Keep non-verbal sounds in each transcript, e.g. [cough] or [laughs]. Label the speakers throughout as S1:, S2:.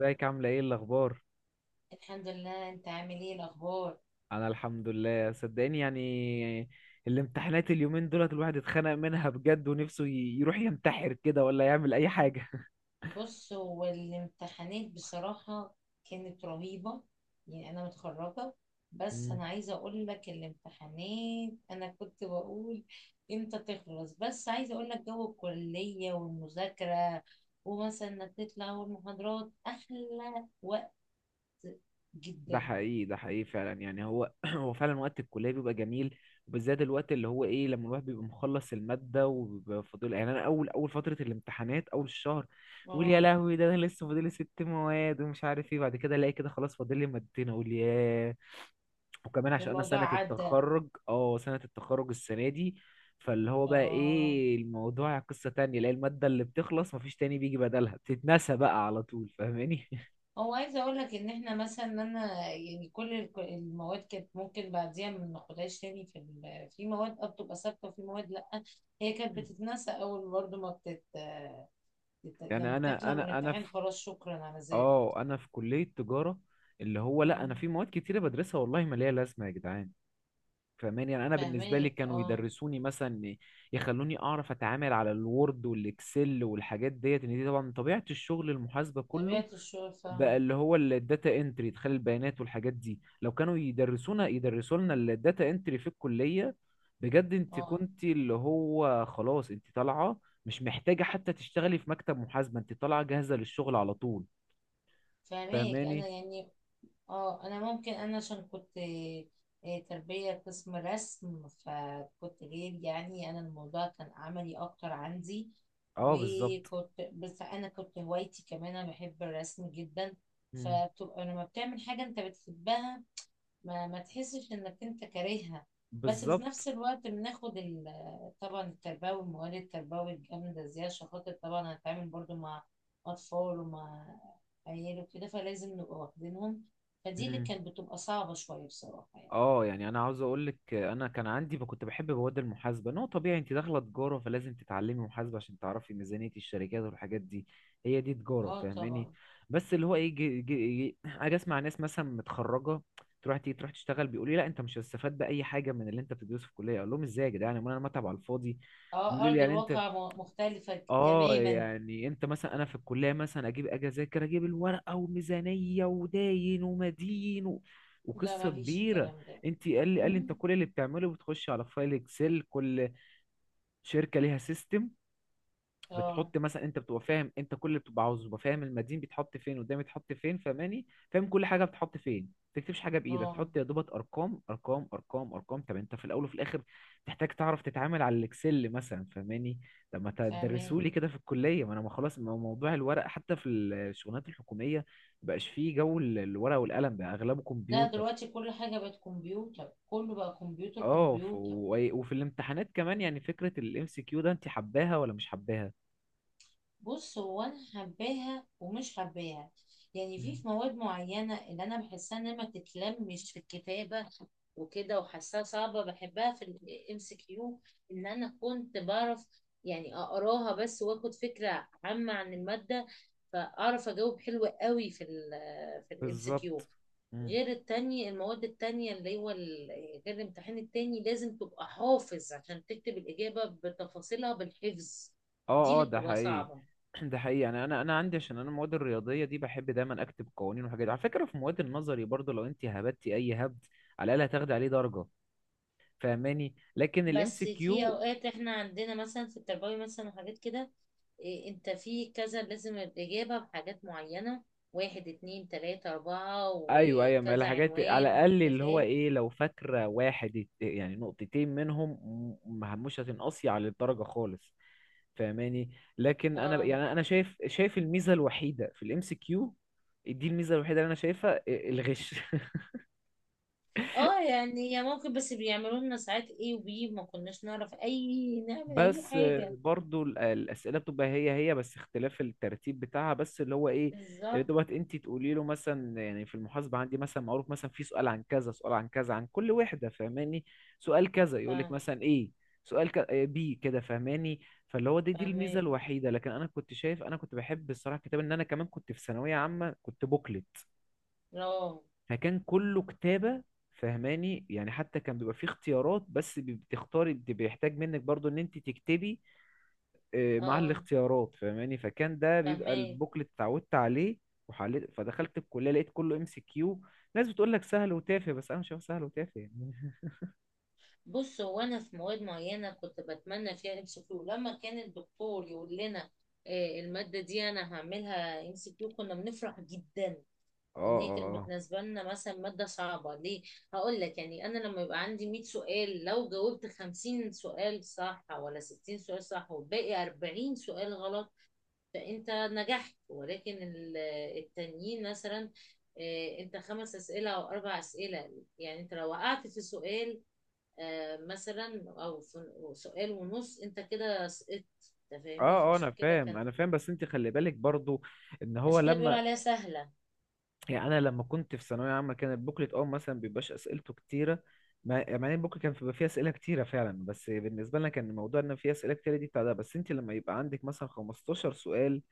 S1: ازيك عاملة ايه الأخبار؟
S2: الحمد لله. انت عامل ايه الاخبار؟
S1: أنا الحمد لله، صدقني. يعني الامتحانات اليومين دولت الواحد اتخنق منها بجد، ونفسه يروح ينتحر كده، ولا يعمل أي حاجة. [laughs]
S2: بص، هو الامتحانات بصراحة كانت رهيبة. يعني انا متخرجة، بس
S1: مم.
S2: انا عايزة اقول لك الامتحانات انا كنت بقول امتى تخلص. بس عايزة اقول لك جو الكلية والمذاكرة، ومثلا انك تطلع، والمحاضرات احلى وقت
S1: ده
S2: جدا.
S1: حقيقي، ده حقيقي فعلا. يعني هو [clears throat] هو فعلا وقت الكلية بيبقى جميل، وبالذات الوقت اللي هو ايه، لما الواحد بيبقى مخلص المادة وبيبقى فاضل. يعني أنا أول فترة الامتحانات، أول الشهر، بقول يا
S2: اه،
S1: لهوي، ده أنا لسه فاضل لي ست مواد ومش عارف ايه. بعد كده ألاقي كده خلاص فاضل لي مادتين، أقول ياه. وكمان عشان انا
S2: الموضوع
S1: سنة
S2: عدى.
S1: التخرج، اه سنة التخرج السنة دي، فاللي هو بقى
S2: اه
S1: ايه، الموضوع قصة تانية. لا المادة اللي بتخلص مفيش تاني بيجي بدلها، بتتنسى بقى على طول، فاهماني؟
S2: هو عايزه اقول لك ان احنا مثلا انا يعني كل المواد كانت ممكن بعديها ما ناخدهاش تاني. في في مواد بتبقى ثابته، وفي مواد لا. هي كانت
S1: [laughs]
S2: بتتنسى اول برضه ما بتت بت- يعني
S1: يعني انا
S2: بتطلع من
S1: انا انا
S2: الامتحان،
S1: في
S2: خلاص، شكرا على ذلك.
S1: اه انا في كلية تجارة، اللي هو لا، انا
S2: امم.
S1: في مواد كتيرة بدرسها والله ما ليها لازمة يا جدعان. فاهماني؟ يعني انا بالنسبة لي
S2: فاهماك،
S1: كانوا
S2: اه.
S1: يدرسوني مثلا، يخلوني اعرف اتعامل على الوورد والاكسل والحاجات ديت. ان دي طبعا من طبيعة الشغل المحاسبة كله،
S2: طبيعه الشغل
S1: بقى
S2: فاهمه.
S1: اللي هو الداتا انتري، ادخال البيانات والحاجات دي. لو كانوا يدرسونا يدرسوا لنا الداتا انتري في الكلية بجد، انت
S2: اه،
S1: كنت اللي هو خلاص انت طالعة، مش محتاجة حتى تشتغلي في مكتب محاسبة، انت طالعة جاهزة للشغل على طول.
S2: فاهماك انا
S1: فاهماني؟
S2: يعني. اه، انا ممكن انا عشان كنت تربية قسم رسم، فكنت غير، يعني انا الموضوع كان عملي اكتر عندي.
S1: اه، بالظبط.
S2: وكنت، بس انا كنت هوايتي كمان، انا بحب الرسم جدا.
S1: مم.
S2: فبتبقى لما بتعمل حاجة انت بتحبها ما تحسش انك انت كارهها. بس في
S1: بالظبط.
S2: نفس الوقت بناخد طبعا التربوي، المواد التربوي الجامدة، زي عشان خاطر طبعا هنتعامل برضو مع أطفال ومع عيال وكده، فلازم نبقى واخدينهم. فدي اللي
S1: مم.
S2: كانت بتبقى صعبة شوية بصراحة يعني.
S1: اه، يعني انا عاوز اقول لك، انا كان عندي كنت بحب مواد المحاسبه. ان هو طبيعي انت داخله تجاره، فلازم تتعلمي محاسبه عشان تعرفي ميزانيه الشركات والحاجات دي. هي دي تجاره،
S2: اه،
S1: فاهماني؟
S2: طبعا.
S1: بس اللي هو ايه، جي جي جي اجي اسمع، ناس مثلا متخرجه تروح تيجي تروح تشتغل بيقول لي لا، انت مش هتستفاد باي حاجه من اللي انت بتدرسه في الكليه. اقول لهم ازاي يا جدعان، امال انا متعب على الفاضي؟
S2: اه،
S1: بيقولوا لي
S2: أرض
S1: يعني انت
S2: الواقع مختلفة
S1: اه،
S2: تماما.
S1: يعني انت مثلا انا في الكليه مثلا اجيب اجي اذاكر اجيب الورقه وميزانيه، وداين ومدين و...
S2: لا،
S1: وقصه
S2: ما فيش
S1: كبيره.
S2: الكلام ده.
S1: انت قال لي انت
S2: امم.
S1: كل اللي بتعمله بتخش على فايل اكسل. كل شركه ليها سيستم،
S2: اه،
S1: بتحط مثلا. انت بتبقى فاهم انت كل اللي بتبقى عاوزه، بتبقى فاهم المدين بيتحط فين، قدام بيتحط فين، فاهماني، فاهم كل حاجه بتحط فين. ما تكتبش حاجه بايدك،
S2: اه،
S1: تحط يا دوبك ارقام ارقام ارقام ارقام. طب انت في الاول وفي الاخر تحتاج تعرف تتعامل على الاكسل مثلا، فاهماني؟ طب ما
S2: فاهمين.
S1: تدرسولي كده في الكليه، ما انا ما خلاص، ما هو موضوع الورق حتى في الشغلانات الحكوميه مبقاش فيه جو الورق والقلم، بقى اغلبه
S2: لا،
S1: كمبيوتر.
S2: دلوقتي كل حاجة بقت كمبيوتر، كله بقى كمبيوتر
S1: اه
S2: كمبيوتر.
S1: وفي الامتحانات كمان، يعني فكره الام سي كيو ده انت حباها ولا مش حباها؟
S2: بص، هو انا حباها ومش حباها. يعني في
S1: مم.
S2: في مواد معينه اللي انا بحسها انها ما تتلمش في الكتابه وكده، وحاساها صعبه، بحبها في الMCQ. ان انا كنت بعرف يعني اقراها بس، واخد فكره عامه عن الماده، فاعرف اجاوب حلو قوي في الام سي
S1: بالظبط.
S2: كيو
S1: مم.
S2: غير التانية، المواد التانية، اللي هو غير الامتحان التاني لازم تبقى حافظ عشان تكتب الإجابة بتفاصيلها بالحفظ. دي
S1: اه
S2: اللي
S1: اه ده
S2: بتبقى
S1: حقيقي.
S2: صعبة.
S1: [clears throat] ده حقيقي. يعني انا عندي عشان انا المواد الرياضيه دي بحب دايما اكتب قوانين وحاجات. على فكره في مواد النظري برضو، لو انت هبتي اي هبد على الاقل هتاخدي عليه درجه، فاهماني؟ لكن الام سي
S2: بس في
S1: كيو،
S2: اوقات احنا عندنا مثلا في التربوي مثلا وحاجات كده. إيه، انت في كذا لازم الاجابه بحاجات معينه: واحد، اتنين، تلاته، اربعه،
S1: ايوه ايوه، ما
S2: وكذا
S1: الحاجات على
S2: عنوان،
S1: الاقل
S2: انت
S1: اللي هو
S2: فاهم.
S1: ايه، لو فاكره واحد ات- يعني نقطتين منهم مش هتنقصي على الدرجه خالص، فاهماني؟ لكن انا ب-
S2: اه،
S1: يعني انا شايف، شايف الميزه الوحيده في الام سي كيو دي، الميزه الوحيده اللي انا شايفها الغش. [laughs]
S2: اه، يعني يا ممكن، بس بيعملوا لنا ساعات ايه، ما كناش نعرف اي نعمل اي
S1: بس
S2: حاجه.
S1: برضو الأسئلة بتبقى هي هي، بس اختلاف الترتيب بتاعها، بس اللي هو ايه، اللي
S2: بالظبط.
S1: دوت انت تقولي له مثلا. يعني في المحاسبة عندي مثلا معروف مثلا في سؤال عن كذا، سؤال عن كذا، عن كل وحدة، فاهماني؟ سؤال كذا يقول لك
S2: فاهم.
S1: مثلا ايه، سؤال ك... آه، بي كده، فاهماني؟ فاللي هو دي الميزة
S2: فاهمين،
S1: الوحيدة. لكن انا كنت شايف، انا كنت بحب الصراحة الكتاب. ان انا كمان كنت في ثانوية عامة كنت بوكلت،
S2: اه،
S1: فكان كله كتابة، فاهماني؟ يعني حتى كان بيبقى فيه اختيارات، بس بتختاري بيحتاج منك برضو ان انت تكتبي مع
S2: اه،
S1: الاختيارات، فاهماني؟ فكان ده بيبقى
S2: فاهمين.
S1: البوكلت، اتعودت عليه وحليت. فدخلت الكليه لقيت كله ام سي كيو. ناس بتقول لك سهل وتافه، بس انا شايف سهل وتافه يعني. [laughs]
S2: بص، هو انا في مواد معينه كنت بتمنى فيها MCQ. لما كان الدكتور يقول لنا الماده دي انا هعملها MCQ، كنا بنفرح جدا،
S1: اه
S2: لان هي كانت
S1: اه اه.
S2: بالنسبه لنا مثلا ماده صعبه. ليه؟ هقول لك، يعني انا لما يبقى عندي 100 سؤال، لو جاوبت 50 سؤال صح ولا 60 سؤال صح، والباقي 40 سؤال غلط، فانت نجحت. ولكن التانيين مثلا، انت خمس اسئله او اربع اسئله، يعني انت لو وقعت في سؤال مثلا، او سؤال ونص، انت كده سقطت. أنت
S1: اه
S2: فاهمني؟
S1: اه انا
S2: فعشان كده
S1: فاهم،
S2: كان،
S1: انا فاهم، بس انت خلي بالك برضو ان هو
S2: عشان كده بيقولوا
S1: لما،
S2: عليها سهله.
S1: يعني انا لما كنت في ثانويه عامه كان البوكلت اه مثلا بيبقاش اسئلته كتيره. مع ان البوكلت كان بيبقى فيه اسئله كتيره فعلا، بس بالنسبه لنا كان الموضوع ان فيه اسئله كتيره دي بتاع ده. بس انت لما يبقى عندك مثلا 15 سؤال،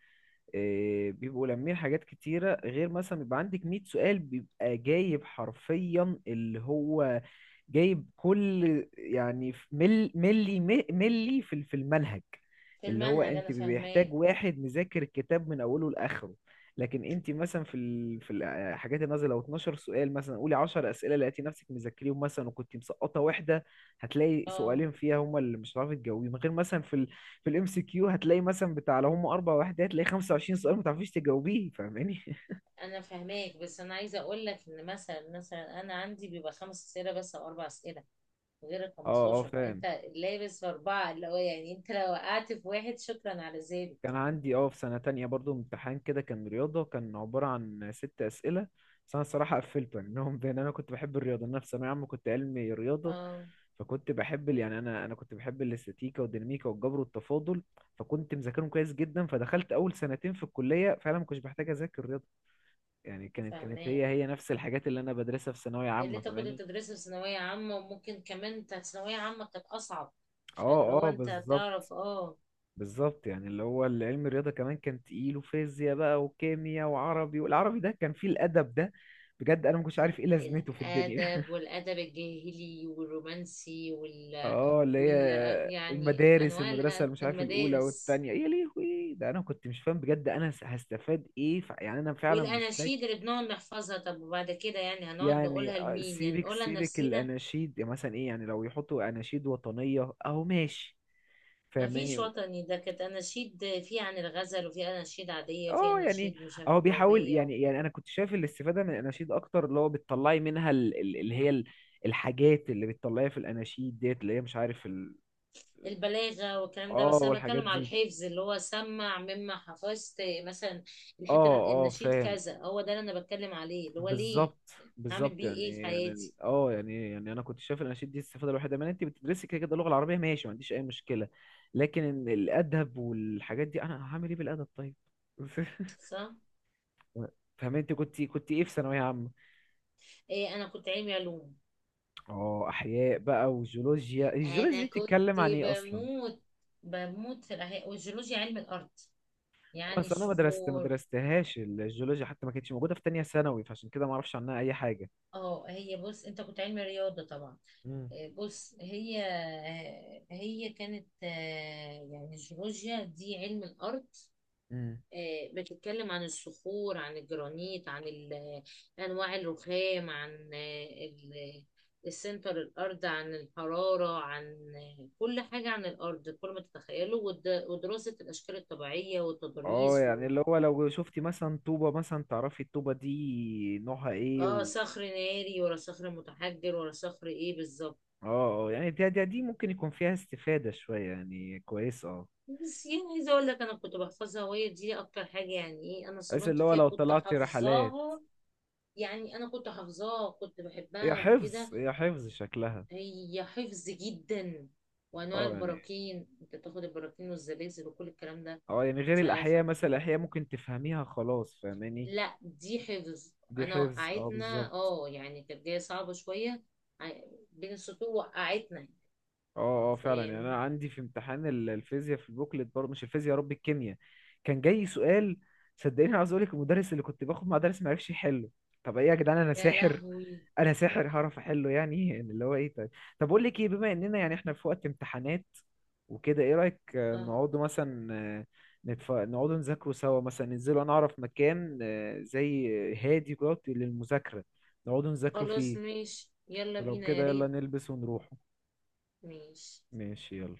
S1: بيبقوا لامين حاجات كتيرة، غير مثلا بيبقى عندك 100 سؤال، بيبقى جايب حرفيا اللي هو جايب كل. يعني في مل ملي ملي في المنهج.
S2: في
S1: اللي هو
S2: المنهج، انا
S1: انت بيحتاج
S2: فاهماك.
S1: واحد مذاكر الكتاب من اوله لاخره. لكن انت مثلا في في الحاجات النازله لو 12 سؤال مثلا، قولي 10 اسئله لقيتي نفسك مذاكريهم مثلا، وكنت مسقطه واحده، هتلاقي
S2: اه،
S1: سؤالين فيها هما اللي مش هتعرفي تجاوبيهم. غير مثلا في في الام سي كيو هتلاقي مثلا بتاع لو هم اربع وحدات هتلاقي 25 سؤال ما تعرفيش تجاوبيه، فاهماني؟ [laughs]
S2: انا فاهماك، بس انا عايزه اقول لك ان مثلا انا عندي بيبقى خمس اسئله بس او اربع اسئله غير ال
S1: اه اه
S2: 15،
S1: فاهم.
S2: فانت لابس في اربعه، اللي هو يعني انت لو وقعت في واحد، شكرا على ذلك.
S1: كان عندي اه في سنه تانية برضو امتحان كده كان رياضه، كان عباره عن ست اسئله، بس انا الصراحه قفلته يعني. [laughs] منهم بان انا كنت بحب الرياضه. انا في ثانويه عامه كنت علمي رياضه،
S2: اه،
S1: فكنت بحب يعني انا كنت بحب الاستاتيكا والديناميكا والجبر والتفاضل. فكنت مذاكرهم كويس جدا. فدخلت اول سنتين في الكليه فعلا ما كنتش بحتاج اذاكر رياضه. يعني كانت
S2: فاهماك.
S1: هي هي نفس الحاجات اللي انا بدرسها في ثانويه
S2: اللي
S1: عامه،
S2: انت كنت
S1: فاهماني؟
S2: بتدرسه في ثانويه عامه، وممكن كمان انت ثانويه عامه كانت اصعب. فاللي
S1: اه
S2: هو
S1: اه
S2: انت
S1: بالظبط.
S2: تعرف، اه،
S1: بالظبط يعني اللي هو العلم الرياضة كمان كان تقيل، وفيزياء بقى، وكيمياء، وعربي. والعربي ده كان فيه الأدب ده، بجد أنا ما كنتش عارف إيه لازمته في الدنيا.
S2: الادب، والادب الجاهلي والرومانسي
S1: [laughs]
S2: وال
S1: اه اللي
S2: وال
S1: هي
S2: يعني
S1: المدارس،
S2: انواع
S1: المدرسة اللي مش عارف الأولى
S2: المدارس،
S1: والتانية. يا لهوي، ده أنا كنت مش فاهم بجد أنا هستفاد إيه. يعني أنا فعلا مش
S2: والاناشيد
S1: فاكر.
S2: اللي بنقعد نحفظها. طب وبعد كده يعني هنقعد
S1: يعني
S2: نقولها لمين؟ يعني
S1: سيبك
S2: نقولها
S1: سيبك
S2: لنفسينا.
S1: الأناشيد، يعني مثلا إيه، يعني لو يحطوا أناشيد وطنية أهو ماشي،
S2: مفيش
S1: فاهماني؟
S2: وطني، ده كانت اناشيد في عن الغزل، وفي اناشيد عاديه، وفي
S1: اه يعني
S2: اناشيد مش
S1: هو
S2: عارفه
S1: بيحاول
S2: قوميه
S1: يعني، يعني انا كنت شايف الاستفاده من الاناشيد اكتر، اللي هو بتطلعي منها اللي هي الحاجات اللي بتطلعيها في الاناشيد ديت، اللي هي مش عارف
S2: البلاغه والكلام ده.
S1: اه
S2: بس انا
S1: والحاجات
S2: بتكلم على
S1: دي.
S2: الحفظ اللي هو سمع مما حفظت مثلا. الحته
S1: اه اه
S2: النشيد
S1: فاهم.
S2: كذا، هو ده اللي انا بتكلم عليه، اللي هو ليه؟
S1: بالظبط.
S2: هعمل
S1: بالظبط
S2: بيه ايه في
S1: يعني يعني ال-
S2: حياتي؟
S1: اه يعني يعني انا كنت شايف الاناشيد دي الاستفاده الوحيده منها انت بتدرسي كده كده اللغه العربيه، ماشي، ما عنديش اي مشكله. لكن الادب والحاجات دي، انا هعمل ايه بالادب طيب؟ [laughs]
S2: صح.
S1: فاهم؟ انت كنت ايه في ثانويه عامه؟
S2: إيه، انا كنت علمي علوم.
S1: اه احياء بقى وجيولوجيا. الجيولوجيا
S2: انا
S1: دي
S2: كنت
S1: بتتكلم عن ايه اصلا؟
S2: بموت بموت في الاحياء والجيولوجيا، علم الارض، يعني
S1: اصل انا ما
S2: الصخور.
S1: درستهاش الجيولوجيا، حتى ما كانتش موجوده في تانية ثانوي. فعشان كده ما اعرفش عنها اي حاجه.
S2: اه، هي، بص، انت كنت علمي رياضه طبعا.
S1: امم
S2: إيه، بص، هي كانت يعني الجيولوجيا دي علم الارض.
S1: امم
S2: بتتكلم عن الصخور، عن الجرانيت، عن انواع الرخام، عن السنتر الارض، عن الحراره، عن كل حاجه عن الارض، كل ما تتخيله، ودراسه الاشكال الطبيعيه
S1: اه
S2: والتضاريس
S1: يعني اللي هو لو شفتي مثلا طوبه مثلا تعرفي الطوبه دي نوعها ايه
S2: اه،
S1: و...
S2: صخر ناري ولا صخر متحجر ولا صخر ايه بالظبط.
S1: اه اه يعني دي ممكن يكون فيها استفاده شويه يعني، كويس. اه،
S2: بس يعني عايزه اقول لك انا كنت بحفظها، وهي دي اكتر حاجه يعني، ايه، انا
S1: بس
S2: صدمت
S1: اللي هو
S2: فيها
S1: لو
S2: كنت
S1: طلعتي رحلات.
S2: حافظاها. يعني انا كنت حافظاها، كنت
S1: هي
S2: بحبها
S1: حفظ،
S2: وكده.
S1: هي حفظ شكلها.
S2: هي حفظ جدا، وانواع
S1: اه يعني،
S2: البراكين، انت تاخد البراكين والزلازل وكل الكلام ده.
S1: اه يعني غير
S2: ف... ف...
S1: الاحياء مثلا الاحياء ممكن تفهميها خلاص، فاهماني؟
S2: لا، دي حفظ.
S1: دي
S2: انا
S1: حفظ، اه
S2: وقعتنا،
S1: بالظبط.
S2: يعني كانت جايه صعبه شويه. ع- بين السطور وقعتنا.
S1: اه اه فعلا، يعني انا
S2: فاهم.
S1: عندي في امتحان الفيزياء في البوكلت برضه، مش الفيزياء يا رب الكيمياء، كان جاي سؤال صدقني عاوز اقول لك المدرس اللي كنت باخد مع درس ما عرفش يحله. طب ايه يا جدعان، انا
S2: يا
S1: ساحر،
S2: لهوي.
S1: انا ساحر هعرف احله يعني؟ [laughs] يعني اللي هو ايه طيب، طب اقول لك ايه، بما اننا يعني احنا في وقت امتحانات وكده، ايه رايك
S2: اه،
S1: نقعدوا مثلا نقعدوا نذاكروا سوا مثلا، ننزلوا انا اعرف مكان زي هادي كده للمذاكره، نقعدوا نذاكروا
S2: خلاص،
S1: فيه.
S2: ماشي، يلا
S1: ولو
S2: بينا، يا
S1: كده يلا
S2: ريت.
S1: نلبس ونروح.
S2: ماشي.
S1: ماشي يلا